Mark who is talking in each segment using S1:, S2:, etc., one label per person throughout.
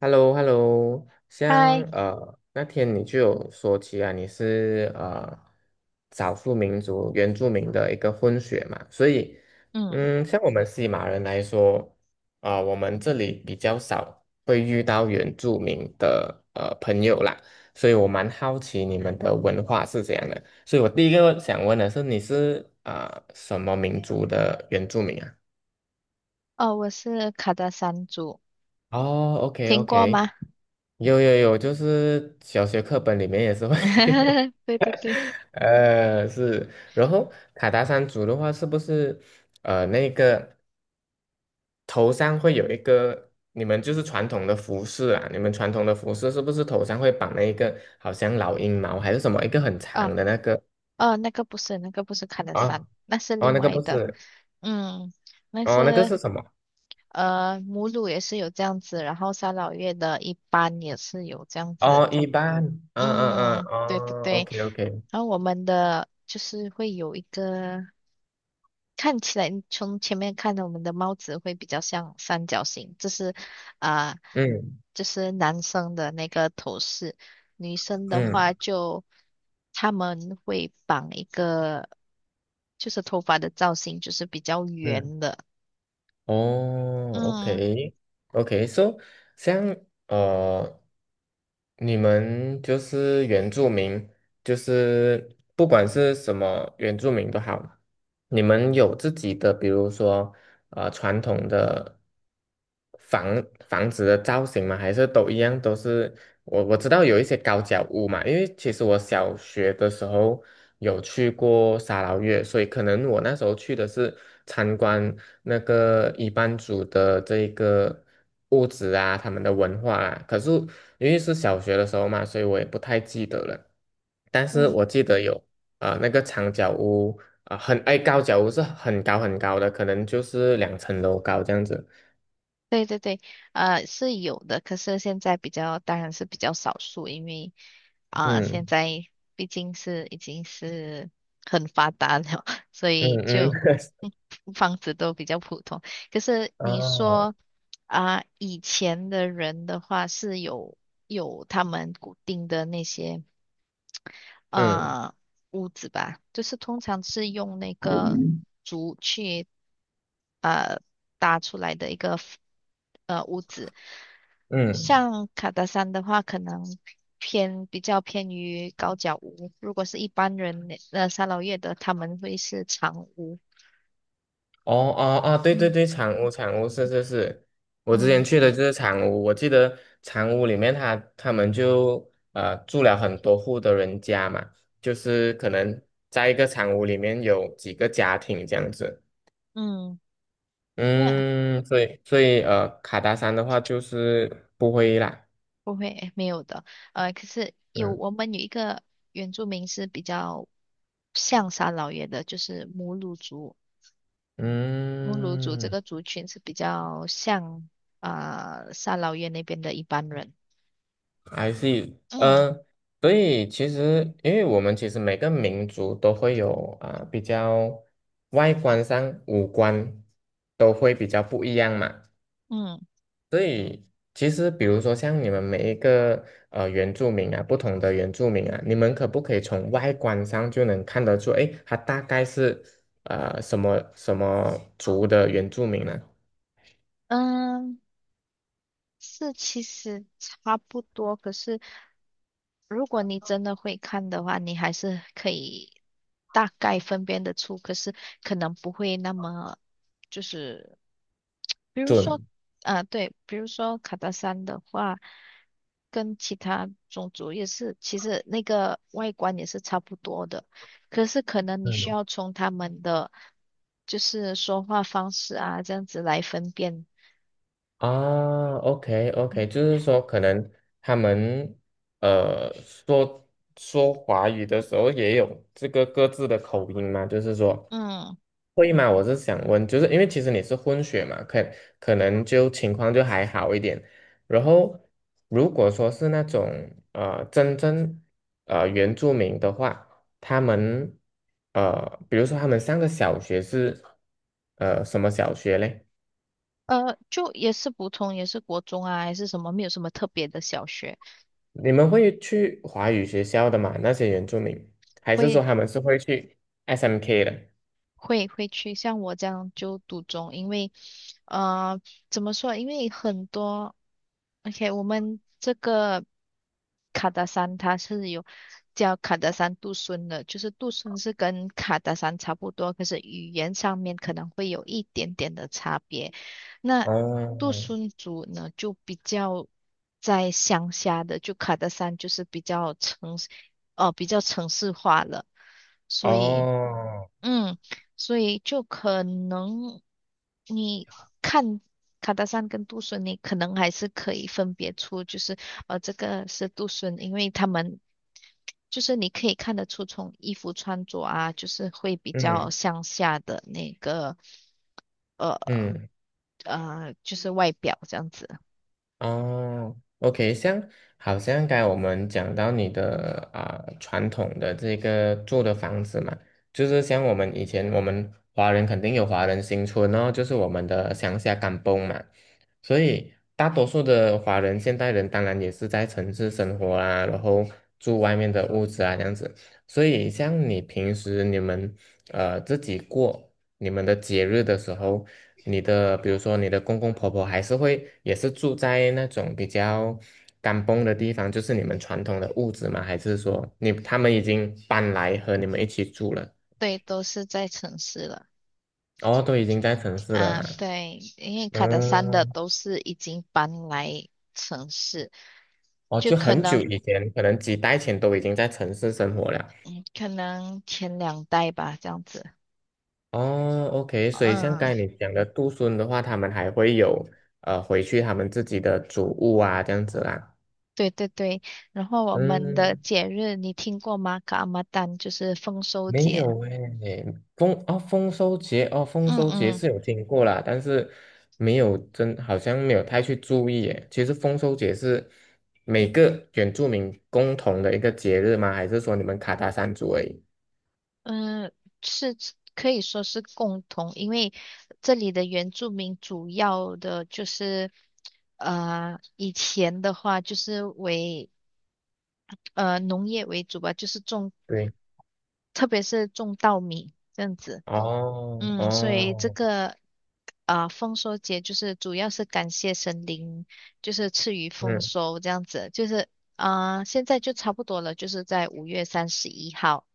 S1: h e l l o， hello， 像
S2: 嗨。
S1: 那天你就有说起啊，你是少数民族原住民的一个混血嘛，所以
S2: 嗯。
S1: 嗯，像我们西马人来说，啊、我们这里比较少会遇到原住民的朋友啦，所以我蛮好奇你们的文化是怎样的，所以我第一个想问的是，你是啊、什么民族的原住民啊？
S2: 哦，我是卡达山猪，
S1: 哦，OK
S2: 听过吗？
S1: OK，有有有，就是小学课本里面也是会 有，
S2: 对对对。
S1: 是。然后卡达山族的话，是不是那个头上会有一个？你们就是传统的服饰啊，你们传统的服饰是不是头上会绑那一个好像老鹰毛还是什么一个很
S2: 哦
S1: 长的那个
S2: 哦，那个不是，那个不是卡达山，
S1: 啊？
S2: 那是
S1: 哦，
S2: 另
S1: 那个
S2: 外
S1: 不
S2: 的。
S1: 是，
S2: 嗯，那
S1: 哦，那个
S2: 是
S1: 是什么？
S2: 母乳也是有这样子，然后三老月的一般也是有这样子。
S1: 哦，一般，嗯嗯嗯，
S2: 嗯，对对
S1: 哦
S2: 对。
S1: ，OK OK，
S2: 然后我们的就是会有一个。看起来从前面看的我们的帽子会比较像三角形，啊、
S1: 嗯
S2: 这是男生的那个头饰，女生的话
S1: 嗯
S2: 就他们会绑一个，就是头发的造型就是比较
S1: 嗯。
S2: 圆的。
S1: 哦
S2: 嗯。
S1: ，OK，OK，So，像呃，你们就是原住民，就是不管是什么原住民都好，你们有自己的，比如说传统的房房子的造型吗？还是都一样都是？我知道有一些高脚屋嘛，因为其实我小学的时候有去过沙劳越，所以可能我那时候去的是参观那个一班族的这个屋子啊，他们的文化啊。可是因为是小学的时候嘛，所以我也不太记得了。但是
S2: 嗯，
S1: 我记得有啊、那个长脚屋，啊、高脚屋是很高很高的，可能就是2层楼高这样子。
S2: 对对对，是有的，可是现在比较，当然是比较少数，因为啊、现
S1: 嗯
S2: 在毕竟是已经是很发达了，所
S1: 嗯
S2: 以
S1: 嗯，
S2: 就嗯 房子都比较普通。可是你
S1: 哦，
S2: 说啊、以前的人的话是有他们固定的那些。
S1: 嗯
S2: 呃屋子吧，就是通常是用那个竹去呃搭出来的一个 屋子。
S1: 嗯，
S2: 像卡达山的话，可能偏比较偏于高脚屋。如果是一般人三老越的，他们会是长屋。
S1: 哦哦哦，对对
S2: 嗯
S1: 对，长屋长屋是是是，我之前
S2: 嗯
S1: 去的就是长屋，我记得长屋里面他们就住了很多户的人家嘛，就是可能在一个长屋里面有几个家庭这样子。
S2: 嗯，那
S1: 嗯，所以，卡达山的话就是不会啦。
S2: 不会没有的。可是
S1: 嗯
S2: 我们有一个原住民是比较像三老爷的，就是母乳族。乌鲁族这
S1: 嗯。
S2: 个族群是比较像啊、沙劳越那边的一般人。
S1: I see，
S2: 嗯
S1: 嗯，所以其实，因为我们其实每个民族都会有啊、比较外观上五官都会比较不一样嘛，
S2: 嗯
S1: 所以其实比如说像你们每一个原住民啊，不同的原住民啊，你们可不可以从外观上就能看得出，诶，他大概是什么什么族的原住民呢？
S2: 嗯、是其实差不多，可是如果你真的会看的话，你还是可以大概分辨得出，可是可能不会那么就是，比如说，
S1: 准，
S2: 啊，对，比如说卡达山的话，跟其他种族也是，其实那个外观也是差不多的，可是可能你需要从他们的就是说话方式啊，这样子来分辨。
S1: 啊，OK OK，就是说可能他们呃说说华语的时候也有这个各自的口音嘛，就是说
S2: 嗯，
S1: 会吗？我是想问，就是因为其实你是混血嘛，可能就情况就还好一点。然后如果说是那种真正原住民的话，他们比如说他们上的小学是什么小学嘞？
S2: 就也是普通，也是国中啊，还是什么，没有什么特别的小学，
S1: 你们会去华语学校的吗？那些原住民，还是说
S2: 会
S1: 他们是会去 SMK 的？
S2: 会去像我这样就赌中，因为呃怎么说？因为很多，OK，我们这个卡达山它是有叫卡达山杜孙的，就是杜孙是跟卡达山差不多，可是语言上面可能会有一点点的差别。那杜
S1: 哦
S2: 孙族呢，就比较在乡下的，就卡达山就是比较城市，呃，比较城市化了，所以。
S1: 哦，
S2: 嗯，所以就可能你看卡达山跟杜顺，你可能还是可以分别出，就是这个是杜顺，因为他们就是你可以看得出从衣服穿着啊，就是会比较
S1: 嗯
S2: 向下的那个呃
S1: 嗯。
S2: 就是外表这样子。
S1: 哦，OK，像好像刚才我们讲到你的啊、传统的这个住的房子嘛，就是像我们以前我们华人肯定有华人新村哦，就是我们的乡下甘崩嘛，所以大多数的华人现代人当然也是在城市生活啊，然后住外面的屋子啊这样子，所以像你平时你们自己过你们的节日的时候，你的比如说你的公公婆婆还是会也是住在那种比较干崩的地方，就是你们传统的屋子吗？还是说他们已经搬来和你们一起住了？
S2: 对，都是在城市了
S1: 哦，都已经在城市了
S2: 啊，
S1: 啦。
S2: 对，因为卡达山的
S1: 嗯，
S2: 都是已经搬来城市，
S1: 哦，
S2: 就
S1: 就
S2: 可
S1: 很久
S2: 能。
S1: 以前，可能几代前都已经在城市生活了。
S2: 嗯，可能前两代吧，这样子。
S1: 哦，OK，所以像
S2: 嗯，
S1: 刚才你讲的杜孙的话，他们还会有回去他们自己的祖屋啊，这样子啦。
S2: 对对对。然后我们的
S1: 嗯，
S2: 节日你听过吗？噶阿玛丹就是丰收
S1: 没
S2: 节。
S1: 有诶，丰收节哦，丰
S2: 嗯
S1: 收节
S2: 嗯
S1: 是有听过啦，但是没有真好像没有太去注意诶。其实丰收节是每个原住民共同的一个节日吗？还是说你们卡达山族而已？
S2: 嗯，是可以说是共同，因为这里的原住民主要的就是，以前的话就是为农业为主吧，就是种，
S1: 对，
S2: 特别是种稻米这样子。
S1: 哦
S2: 嗯，所以这
S1: 哦，
S2: 个啊、丰收节就是主要是感谢神灵，就是赐予丰
S1: 嗯
S2: 收这样子，就是啊、现在就差不多了，就是在五月三十一号。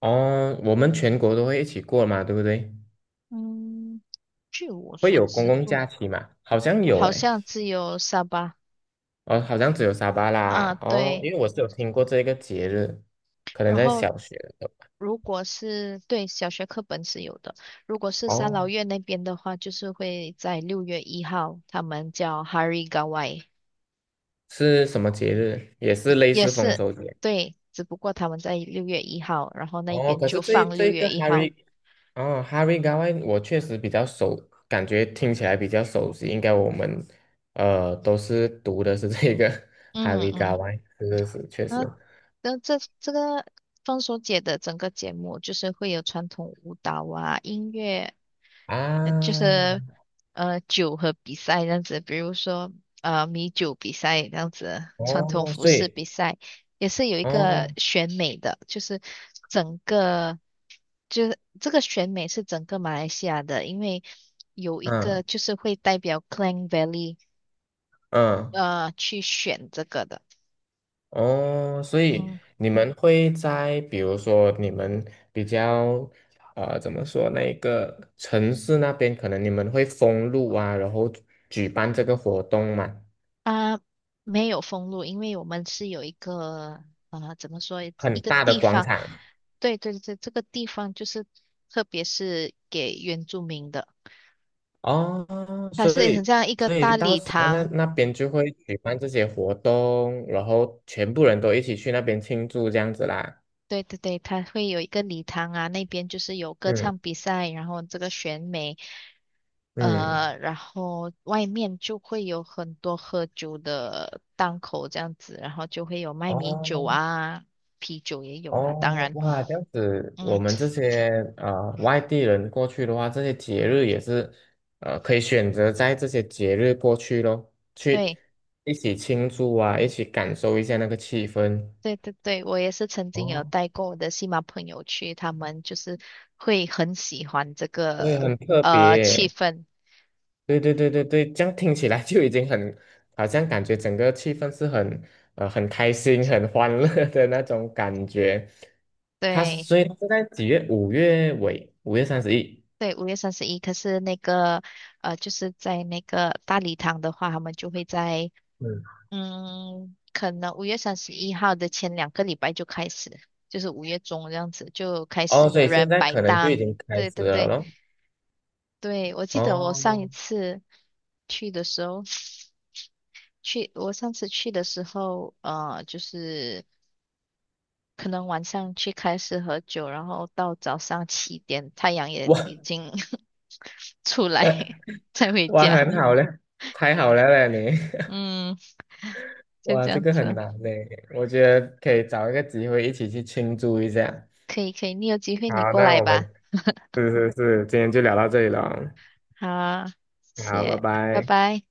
S1: 哦，我们全国都会一起过嘛，对不对？
S2: 嗯，据我
S1: 会
S2: 所
S1: 有公
S2: 知
S1: 共
S2: 不，
S1: 假期嘛？好像有
S2: 好
S1: 诶，
S2: 像只有沙巴
S1: 哦，好像只有沙巴
S2: 啊，
S1: 啦，哦，
S2: 对。
S1: 因为我是有听过这个节日，可能
S2: 然
S1: 在
S2: 后
S1: 小学的时候。
S2: 如果是对小学课本是有的，如果是三老
S1: 哦
S2: 越那边的话，就是会在六月一号，他们叫 Hari Gawai。
S1: 是什么节日？也是
S2: 也
S1: 类
S2: 也
S1: 似丰
S2: 是，
S1: 收节。
S2: 对，只不过他们在六月一号，然后那
S1: 哦，
S2: 边
S1: 可是
S2: 就
S1: 这一
S2: 放
S1: 这
S2: 六
S1: 一
S2: 月
S1: 个
S2: 一号。
S1: Hari 哦，Hari Gawai 我确实比较熟，感觉听起来比较熟悉。应该我们都是读的是这个
S2: 嗯
S1: Hari g a
S2: 嗯，
S1: w a i 是是是，确
S2: 然
S1: 实
S2: 后那这个放手节的整个节目就是会有传统舞蹈啊、音乐，就是
S1: 啊。
S2: 酒和比赛这样子，比如说米酒比赛这样子，传统
S1: 哦，
S2: 服
S1: 所
S2: 饰
S1: 以
S2: 比赛也是有一个
S1: 哦，
S2: 选美的，就是整个。就是这个选美是整个马来西亚的，因为有一
S1: 嗯
S2: 个就是会代表 Klang Valley
S1: 嗯，
S2: 去选这个的，
S1: 哦，所以
S2: 嗯
S1: 你们会在比如说你们比较怎么说那个城市那边，可能你们会封路啊，然后举办这个活动嘛，
S2: 啊没有封路，因为我们是有一个怎么说一
S1: 很
S2: 个
S1: 大的
S2: 地
S1: 广
S2: 方，
S1: 场
S2: 对对对，这个地方就是特别是给原住民的，
S1: 哦，
S2: 它
S1: 所
S2: 是很
S1: 以
S2: 像一个
S1: 所以
S2: 大
S1: 到
S2: 礼
S1: 时候那
S2: 堂。
S1: 那边就会举办这些活动，然后全部人都一起去那边庆祝这样子啦。
S2: 对对对，它会有一个礼堂啊，那边就是有歌
S1: 嗯
S2: 唱比赛，然后这个选美，
S1: 嗯，
S2: 然后外面就会有很多喝酒的档口这样子，然后就会有卖米酒
S1: 哦
S2: 啊，啤酒也有啊，当
S1: 哦，
S2: 然。
S1: 哇，这样子，我
S2: 嗯，
S1: 们这些外地人过去的话，这些节日也是可以选择在这些节日过去咯，去
S2: 对，
S1: 一起庆祝啊，一起感受一下那个气氛。
S2: 对对对，我也是曾经有
S1: 哦，
S2: 带过我的西马朋友去，他们就是会很喜欢这
S1: 会
S2: 个
S1: 很特
S2: 气
S1: 别。
S2: 氛，
S1: 对对对对对，这样听起来 就已经很，好像感觉整个气氛是很开心、很欢乐 的那种感觉。
S2: 对。
S1: 所以它是在几月？5月尾，5月31。
S2: 对，五月三十一，可是那个，就是在那个大礼堂的话，他们就会在
S1: 嗯。
S2: 可能五月三十一号的前两个礼拜就开始，就是5月中这样子就开
S1: 哦，
S2: 始
S1: 所
S2: 有
S1: 以现
S2: 人
S1: 在
S2: 摆
S1: 可能就已
S2: 档。
S1: 经开
S2: 对
S1: 始
S2: 对
S1: 了
S2: 对
S1: 咯。
S2: 对，我记得我上一
S1: 哦，
S2: 次去的时候，我上次去的时候，就是可能晚上去开始喝酒，然后到早上7点太阳也
S1: 哇
S2: 已经 出来，才回
S1: 哇，
S2: 家。
S1: 很好嘞，太好了嘞你，
S2: 嗯，就
S1: 哇，
S2: 这
S1: 这
S2: 样
S1: 个很
S2: 子。
S1: 难嘞，我觉得可以找一个机会一起去庆祝一下。
S2: 可以可以，你有机会你
S1: 好，
S2: 过
S1: 那
S2: 来
S1: 我们
S2: 吧。
S1: 是是是，今天就聊到这里了，
S2: 好啊谢
S1: 好，拜
S2: 谢，拜
S1: 拜。
S2: 拜。